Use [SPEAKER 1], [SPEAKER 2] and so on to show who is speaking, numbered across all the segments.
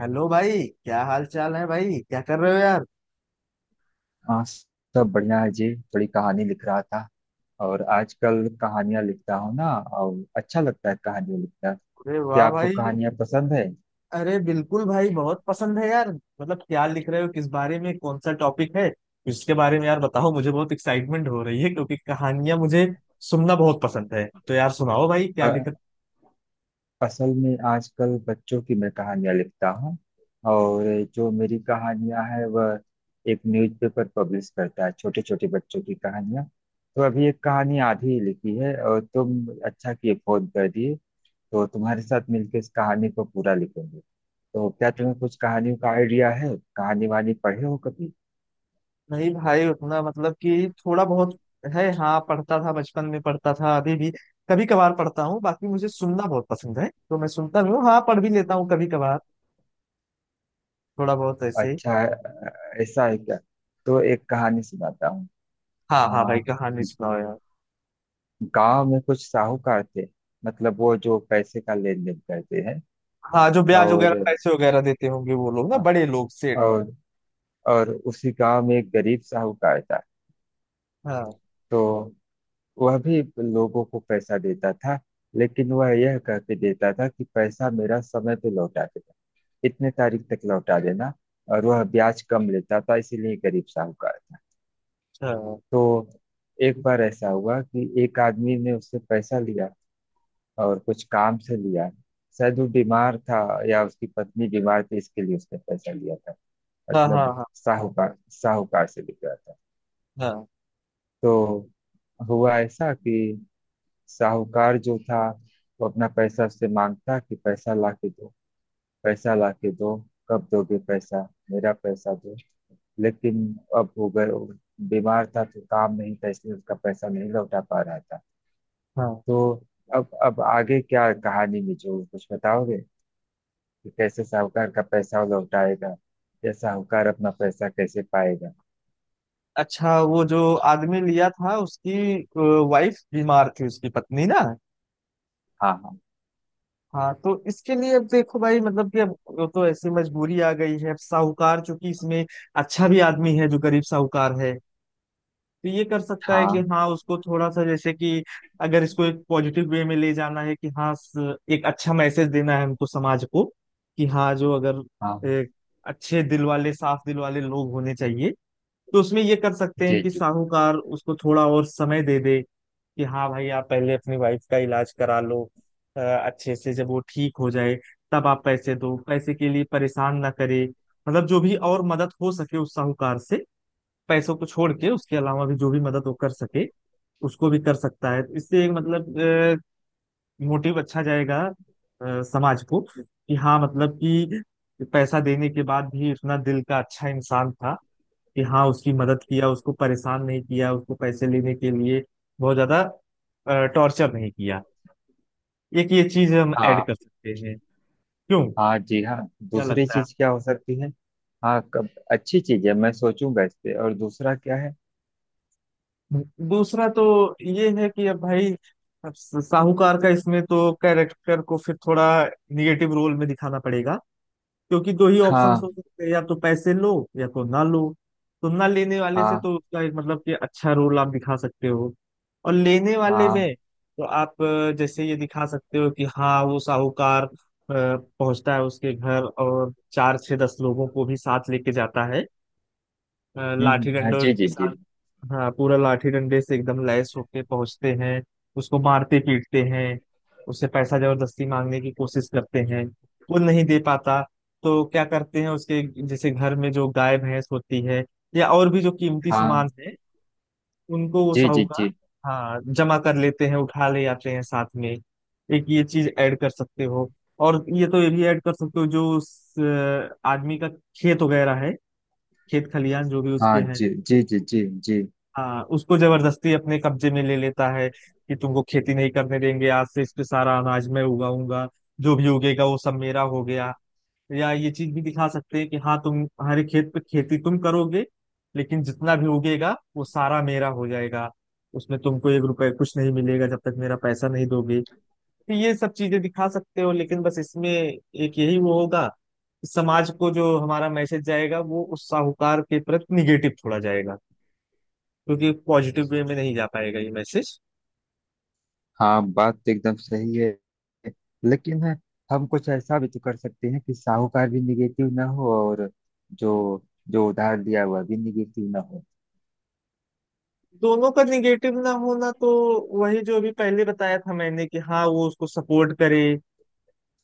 [SPEAKER 1] Hello भाई, क्या हाल चाल है भाई? क्या कर रहे हो यार?
[SPEAKER 2] हाँ, सब बढ़िया है जी। थोड़ी कहानी लिख रहा था। और आजकल कहानियां लिखता हूँ ना। और अच्छा लगता है कहानियां लिखना।
[SPEAKER 1] अरे वाह
[SPEAKER 2] क्या आपको
[SPEAKER 1] भाई!
[SPEAKER 2] कहानियां पसंद है?
[SPEAKER 1] अरे बिल्कुल भाई, बहुत पसंद है यार। मतलब क्या लिख रहे हो, किस बारे में, कौन सा टॉपिक है इसके बारे में यार बताओ। मुझे बहुत एक्साइटमेंट हो रही है क्योंकि कहानियां मुझे सुनना बहुत पसंद है। तो यार सुनाओ भाई क्या लिख
[SPEAKER 2] अ-
[SPEAKER 1] रहे
[SPEAKER 2] असल में आजकल बच्चों की मैं कहानियां लिखता हूँ। और जो मेरी कहानियां है, वह एक न्यूज़पेपर पब्लिश करता है, छोटे छोटे बच्चों की कहानियां। तो अभी एक कहानी आधी ही लिखी है और तुम अच्छा किए फोन कर दिए। तो तुम्हारे साथ मिलकर इस कहानी को पूरा लिखेंगे। तो क्या
[SPEAKER 1] हो।
[SPEAKER 2] तुम्हें कुछ कहानियों का आइडिया है? कहानी वानी पढ़े हो कभी?
[SPEAKER 1] नहीं भाई उतना मतलब कि थोड़ा बहुत है। हाँ, पढ़ता था बचपन में, पढ़ता था, अभी भी कभी कभार पढ़ता हूँ। बाकी मुझे सुनना बहुत पसंद है तो मैं सुनता भी हूँ, हाँ पढ़ भी लेता हूँ कभी कभार, थोड़ा बहुत ऐसे।
[SPEAKER 2] अच्छा, ऐसा है क्या? तो एक कहानी सुनाता हूँ।
[SPEAKER 1] हाँ हाँ भाई
[SPEAKER 2] हाँ,
[SPEAKER 1] कहानी सुनाओ यार।
[SPEAKER 2] गांव में कुछ साहूकार थे। मतलब वो जो पैसे का लेन देन करते हैं।
[SPEAKER 1] हाँ, जो ब्याज वगैरह
[SPEAKER 2] और
[SPEAKER 1] पैसे वगैरह देते होंगे वो लोग ना, बड़े लोग, सेठ।
[SPEAKER 2] और और उसी गांव में एक गरीब साहूकार था।
[SPEAKER 1] हाँ।
[SPEAKER 2] तो वह भी लोगों को पैसा देता था, लेकिन वह यह कह के देता था कि पैसा मेरा समय पे लौटा देगा, इतने तारीख तक लौटा देना। और वह ब्याज कम लेता था, इसीलिए गरीब साहूकार था।
[SPEAKER 1] अच्छा।
[SPEAKER 2] तो एक बार ऐसा हुआ कि एक आदमी ने उससे पैसा लिया, और कुछ काम से लिया। शायद वो बीमार था, या उसकी पत्नी बीमार थी, इसके लिए उसने पैसा लिया था।
[SPEAKER 1] हाँ हाँ
[SPEAKER 2] मतलब
[SPEAKER 1] हाँ।
[SPEAKER 2] साहूकार साहूकार से लिया था।
[SPEAKER 1] हाँ।
[SPEAKER 2] तो हुआ ऐसा कि साहूकार जो था, वो अपना पैसा उससे मांगता कि पैसा ला के दो, पैसा ला के दो, कब दोगे पैसा, मेरा पैसा दो। लेकिन अब हो गए, वो बीमार था तो काम नहीं था, इसलिए उसका पैसा नहीं लौटा पा रहा था।
[SPEAKER 1] हाँ।
[SPEAKER 2] तो अब आगे क्या कहानी में जो कुछ बताओगे कि कैसे साहूकार का पैसा वो लौटाएगा, या साहूकार अपना पैसा कैसे पाएगा?
[SPEAKER 1] अच्छा, वो जो आदमी लिया था, उसकी वाइफ बीमार थी, उसकी पत्नी ना।
[SPEAKER 2] हाँ, हाँ,
[SPEAKER 1] हाँ, तो इसके लिए अब देखो भाई, मतलब कि अब वो तो ऐसी मजबूरी आ गई है। अब साहूकार, चूंकि इसमें अच्छा भी आदमी है जो गरीब साहूकार है, तो ये कर सकता है कि
[SPEAKER 2] हाँ।
[SPEAKER 1] हाँ उसको थोड़ा सा जैसे कि, अगर इसको एक पॉजिटिव वे में ले जाना है कि हाँ, एक अच्छा मैसेज देना है हमको समाज को कि हाँ जो, अगर
[SPEAKER 2] हाँ
[SPEAKER 1] एक अच्छे दिल वाले साफ दिल वाले लोग होने चाहिए, तो उसमें ये कर सकते हैं
[SPEAKER 2] जी,
[SPEAKER 1] कि
[SPEAKER 2] जी
[SPEAKER 1] साहूकार उसको थोड़ा और समय दे दे कि हाँ भाई आप पहले अपनी वाइफ का इलाज करा लो। अच्छे से जब वो ठीक हो जाए तब आप पैसे दो, पैसे के लिए परेशान ना करे। मतलब जो भी और मदद हो सके उस साहूकार से, पैसों को छोड़ के उसके अलावा भी जो भी मदद वो कर सके उसको भी कर सकता है। तो इससे एक मतलब मोटिव अच्छा जाएगा समाज को कि हाँ मतलब कि पैसा देने के बाद भी उतना दिल का अच्छा इंसान था कि हाँ उसकी मदद किया, उसको परेशान नहीं किया, उसको पैसे लेने के लिए बहुत ज्यादा टॉर्चर नहीं किया। एक ये चीज हम ऐड
[SPEAKER 2] हाँ।
[SPEAKER 1] कर सकते हैं। क्यों?
[SPEAKER 2] हाँ, जी हाँ।
[SPEAKER 1] क्या
[SPEAKER 2] दूसरी
[SPEAKER 1] लगता है?
[SPEAKER 2] चीज क्या हो सकती है? हाँ, कब अच्छी चीज है, मैं सोचूंगा इस पे। और दूसरा क्या है?
[SPEAKER 1] दूसरा तो ये है कि अब भाई, अब साहूकार का इसमें तो कैरेक्टर को फिर थोड़ा निगेटिव रोल में दिखाना पड़ेगा। क्योंकि दो ही ऑप्शंस
[SPEAKER 2] हाँ,
[SPEAKER 1] हो सकते हैं, या तो पैसे लो या तो ना लो। तो ना लेने वाले से
[SPEAKER 2] हाँ,
[SPEAKER 1] तो उसका एक मतलब कि अच्छा रोल आप दिखा सकते हो, और लेने वाले
[SPEAKER 2] हाँ।
[SPEAKER 1] में तो आप जैसे ये दिखा सकते हो कि हाँ वो साहूकार पहुंचता है उसके घर और चार छह दस लोगों को भी साथ लेके जाता है,
[SPEAKER 2] हम्म,
[SPEAKER 1] लाठी
[SPEAKER 2] हाँ
[SPEAKER 1] डंडों
[SPEAKER 2] जी,
[SPEAKER 1] के
[SPEAKER 2] जी जी।
[SPEAKER 1] साथ। हाँ, पूरा लाठी डंडे से एकदम लैस होके पहुंचते हैं, उसको मारते पीटते हैं, उससे पैसा जबरदस्ती मांगने की कोशिश करते हैं। वो नहीं दे पाता तो क्या करते हैं, उसके जैसे घर में जो गाय भैंस होती है या और भी जो कीमती सामान
[SPEAKER 2] हाँ
[SPEAKER 1] है, उनको वो
[SPEAKER 2] जी, जी
[SPEAKER 1] साहूकार,
[SPEAKER 2] जी।
[SPEAKER 1] हाँ, जमा कर लेते हैं, उठा ले आते हैं साथ में। एक ये चीज ऐड कर सकते हो। और ये तो ये भी ऐड कर सकते हो जो उस आदमी का खेत वगैरह है, खेत खलियान जो भी उसके
[SPEAKER 2] हाँ
[SPEAKER 1] हैं।
[SPEAKER 2] जी, जी जी, जी जी।
[SPEAKER 1] हाँ, उसको जबरदस्ती अपने कब्जे में ले लेता है कि तुमको खेती नहीं करने देंगे, आज से इस पे सारा अनाज मैं उगाऊंगा, जो भी उगेगा वो सब मेरा हो गया। या ये चीज भी दिखा सकते हैं कि हाँ तुम हमारे खेत पे खेती तुम करोगे लेकिन जितना भी उगेगा वो सारा मेरा हो जाएगा, उसमें तुमको एक रुपए कुछ नहीं मिलेगा जब तक मेरा पैसा नहीं दोगे। तो ये सब चीजें दिखा सकते हो, लेकिन बस इसमें एक यही वो होगा, समाज को जो हमारा मैसेज जाएगा वो उस साहूकार के प्रति निगेटिव थोड़ा जाएगा क्योंकि पॉजिटिव वे में नहीं जा पाएगा ये मैसेज।
[SPEAKER 2] हाँ, बात तो एकदम सही है। लेकिन हम कुछ ऐसा भी तो कर सकते हैं कि साहूकार भी निगेटिव ना हो, और जो जो उधार लिया हुआ भी निगेटिव ना हो।
[SPEAKER 1] दोनों का निगेटिव ना होना तो वही जो अभी पहले बताया था मैंने, कि हाँ वो उसको सपोर्ट करे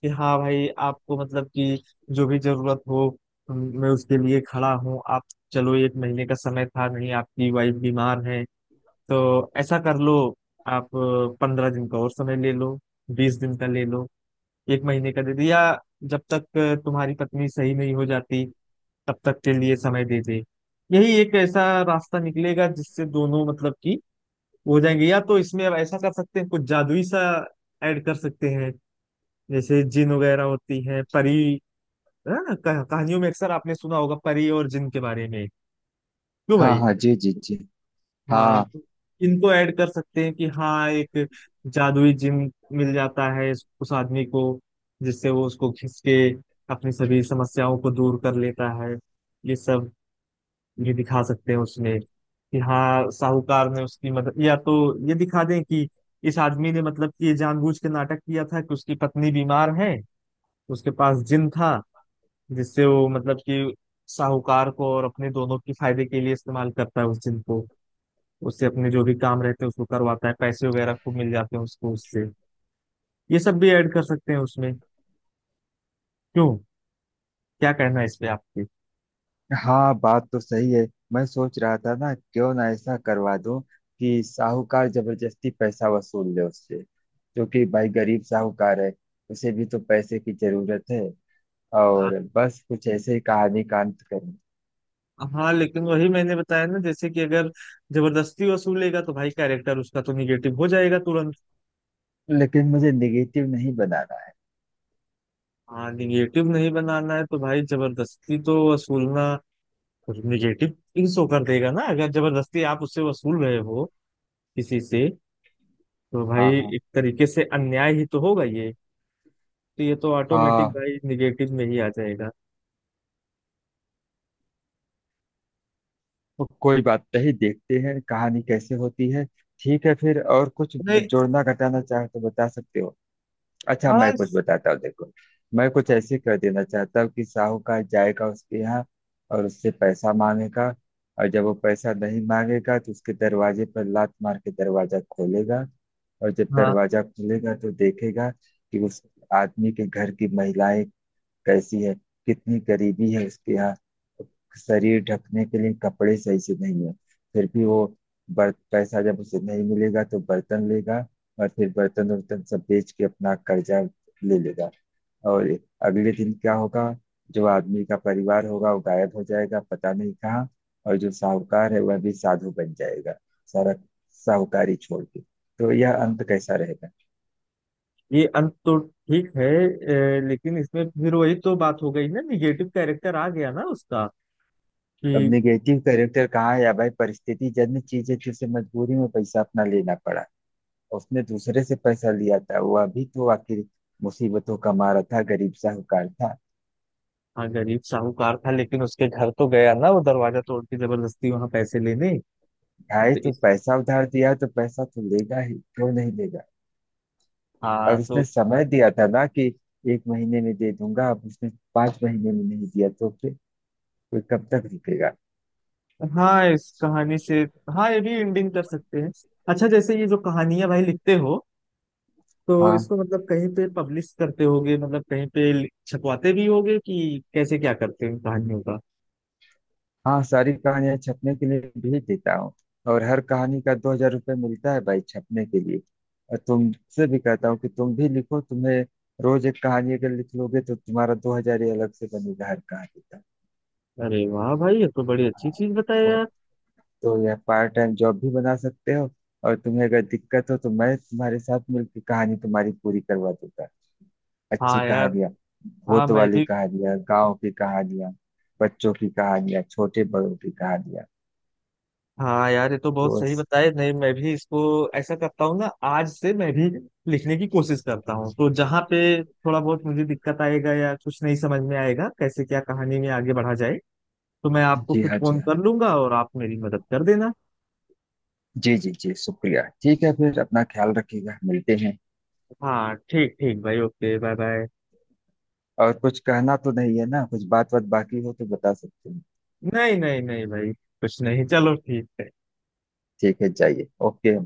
[SPEAKER 1] कि हाँ भाई आपको मतलब कि जो भी जरूरत हो मैं उसके लिए खड़ा हूँ। आप, चलो एक महीने का समय था, नहीं, आपकी वाइफ बीमार है तो ऐसा कर लो, आप पंद्रह दिन का और समय ले लो, बीस दिन का ले लो, एक महीने का दे दो, या जब तक तुम्हारी पत्नी सही नहीं हो जाती तब तक के लिए समय दे दे। यही एक ऐसा रास्ता निकलेगा जिससे दोनों मतलब कि हो जाएंगे। या तो इसमें अब ऐसा कर सकते हैं कुछ जादुई सा ऐड कर सकते हैं, जैसे जिन वगैरह होती हैं, परी, है ना, कहानियों में अक्सर आपने सुना होगा परी और जिन के बारे में। क्यों
[SPEAKER 2] हाँ,
[SPEAKER 1] भाई?
[SPEAKER 2] हाँ, जी जी जी।
[SPEAKER 1] हाँ,
[SPEAKER 2] हाँ,
[SPEAKER 1] तो इनको ऐड कर सकते हैं कि हाँ एक जादुई जिन मिल जाता है उस आदमी को, जिससे वो उसको खींच के अपनी सभी समस्याओं को दूर कर लेता है। ये सब ये दिखा सकते हैं उसमें कि हाँ साहूकार ने उसकी मदद, या तो ये दिखा दें कि इस आदमी ने मतलब कि ये जानबूझ के नाटक किया था कि उसकी पत्नी बीमार है, उसके पास जिन था, जिससे वो मतलब कि साहूकार को और अपने दोनों के फायदे के लिए इस्तेमाल करता है उस जिन को, उससे अपने जो भी काम रहते हैं उसको करवाता है, पैसे वगैरह खूब मिल जाते हैं उसको उससे। ये सब भी ऐड कर सकते हैं उसमें। क्यों? क्या कहना है इस पे आपके?
[SPEAKER 2] हाँ, बात तो सही है। मैं सोच रहा था ना क्यों ना ऐसा करवा दूं कि साहूकार जबरदस्ती पैसा वसूल ले उससे, क्योंकि भाई गरीब साहूकार है, उसे भी तो पैसे की जरूरत है। और बस कुछ ऐसे ही कहानी का अंत करें।
[SPEAKER 1] हाँ लेकिन वही मैंने बताया ना जैसे कि अगर जबरदस्ती वसूलेगा तो भाई कैरेक्टर उसका तो निगेटिव हो जाएगा तुरंत।
[SPEAKER 2] लेकिन मुझे नेगेटिव नहीं बनाना है।
[SPEAKER 1] हाँ, निगेटिव नहीं बनाना है तो भाई जबरदस्ती तो वसूलना निगेटिव शो कर देगा ना, अगर जबरदस्ती आप उससे वसूल रहे हो किसी से, तो भाई
[SPEAKER 2] हाँ, हाँ,
[SPEAKER 1] एक तरीके से अन्याय ही तो होगा ये। तो ये तो ऑटोमेटिक
[SPEAKER 2] हाँ।
[SPEAKER 1] भाई निगेटिव में ही आ जाएगा।
[SPEAKER 2] तो कोई बात नहीं, देखते हैं कहानी कैसे होती है। ठीक है, फिर और कुछ
[SPEAKER 1] नहीं।
[SPEAKER 2] जोड़ना घटाना चाहे तो बता सकते हो। अच्छा,
[SPEAKER 1] हाँ,
[SPEAKER 2] मैं कुछ बताता हूँ, देखो। मैं कुछ ऐसे कर देना चाहता हूँ कि साहूकार जाएगा उसके यहाँ और उससे पैसा मांगेगा। और जब वो पैसा नहीं मांगेगा तो उसके दरवाजे पर लात मार के दरवाजा खोलेगा। और जब
[SPEAKER 1] हाँ
[SPEAKER 2] दरवाजा खुलेगा तो देखेगा कि उस आदमी के घर की महिलाएं कैसी है, कितनी गरीबी है उसके यहाँ। शरीर ढकने के लिए कपड़े सही से नहीं है। फिर भी वो पैसा जब उसे नहीं मिलेगा तो बर्तन लेगा, और फिर बर्तन वर्तन सब बेच के अपना कर्जा ले लेगा। और अगले दिन क्या होगा, जो आदमी का परिवार होगा वो गायब हो जाएगा, पता नहीं कहाँ। और जो साहूकार है, वह भी साधु बन जाएगा, सारा साहूकारी छोड़ के। तो यह अंत कैसा रहेगा?
[SPEAKER 1] ये अंत तो ठीक है। लेकिन इसमें फिर वही तो बात हो गई ना, निगेटिव कैरेक्टर आ गया ना उसका कि,
[SPEAKER 2] अब निगेटिव कैरेक्टर कहाँ? या भाई, परिस्थिति जन्य चीज है कि उसे मजबूरी में पैसा अपना लेना पड़ा। उसने दूसरे से पैसा लिया था, वह भी तो आखिर मुसीबतों का मारा था, गरीब साहूकार था।
[SPEAKER 1] हाँ गरीब साहूकार था लेकिन उसके घर तो गया ना वो, दरवाजा तोड़ के जबरदस्ती वहां पैसे लेने।
[SPEAKER 2] भाई,
[SPEAKER 1] तो
[SPEAKER 2] तो
[SPEAKER 1] इस
[SPEAKER 2] पैसा उधार दिया तो पैसा तो लेगा ही, क्यों नहीं लेगा?
[SPEAKER 1] हाँ
[SPEAKER 2] और
[SPEAKER 1] तो,
[SPEAKER 2] उसने समय दिया था ना कि 1 महीने में दे दूंगा। अब उसने 5 महीने में नहीं दिया तो फिर कोई कब तक रुकेगा?
[SPEAKER 1] हाँ इस कहानी से, हाँ ये भी एंडिंग कर सकते हैं। अच्छा, जैसे ये जो कहानियां भाई लिखते हो, तो
[SPEAKER 2] हाँ,
[SPEAKER 1] इसको मतलब कहीं पे पब्लिश करते होगे, मतलब कहीं पे छपवाते भी होगे कि कैसे क्या करते हैं इन कहानियों का।
[SPEAKER 2] हाँ, सारी कहानियां छपने के लिए भेज देता हूँ। और हर कहानी का 2000 रुपये मिलता है भाई, छपने के लिए। और तुमसे भी कहता हूँ कि तुम भी लिखो, तुम्हें रोज एक कहानी अगर लिख लोगे तो तुम्हारा 2000 ही अलग से बनेगा हर कहानी का।
[SPEAKER 1] अरे वाह भाई, ये तो बड़ी अच्छी
[SPEAKER 2] हाँ,
[SPEAKER 1] चीज बताया
[SPEAKER 2] तो,
[SPEAKER 1] यार।
[SPEAKER 2] तो यह पार्ट टाइम जॉब भी बना सकते हो। और तुम्हें अगर दिक्कत हो तो मैं तुम्हारे साथ मिलकर कहानी तुम्हारी पूरी करवा दूंगा। अच्छी
[SPEAKER 1] हाँ यार।
[SPEAKER 2] कहानियां,
[SPEAKER 1] हाँ
[SPEAKER 2] भूत
[SPEAKER 1] मैं
[SPEAKER 2] वाली
[SPEAKER 1] भी।
[SPEAKER 2] कहानियां, गांव की कहानियां, बच्चों की कहानियां, छोटे बड़ों की कहानियां।
[SPEAKER 1] हाँ यार, ये तो बहुत
[SPEAKER 2] तो
[SPEAKER 1] सही बताया। नहीं मैं भी इसको ऐसा करता हूँ ना, आज से मैं भी लिखने की कोशिश करता हूँ, तो जहाँ पे थोड़ा बहुत मुझे दिक्कत आएगा या कुछ नहीं समझ में आएगा कैसे क्या कहानी में आगे बढ़ा जाए, तो मैं आपको
[SPEAKER 2] जी
[SPEAKER 1] फिर
[SPEAKER 2] हाँ, जी
[SPEAKER 1] फोन
[SPEAKER 2] हाँ,
[SPEAKER 1] कर लूंगा और आप मेरी मदद कर देना।
[SPEAKER 2] जी जी जी, शुक्रिया। ठीक है फिर, अपना ख्याल रखिएगा, मिलते हैं।
[SPEAKER 1] हाँ ठीक ठीक भाई, ओके, बाय बाय।
[SPEAKER 2] और कुछ कहना तो नहीं है ना, कुछ बात बात बाकी हो तो बता सकते हैं।
[SPEAKER 1] नहीं, नहीं, नहीं, भाई कुछ नहीं, चलो ठीक है।
[SPEAKER 2] ठीक है, जाइए, ओके।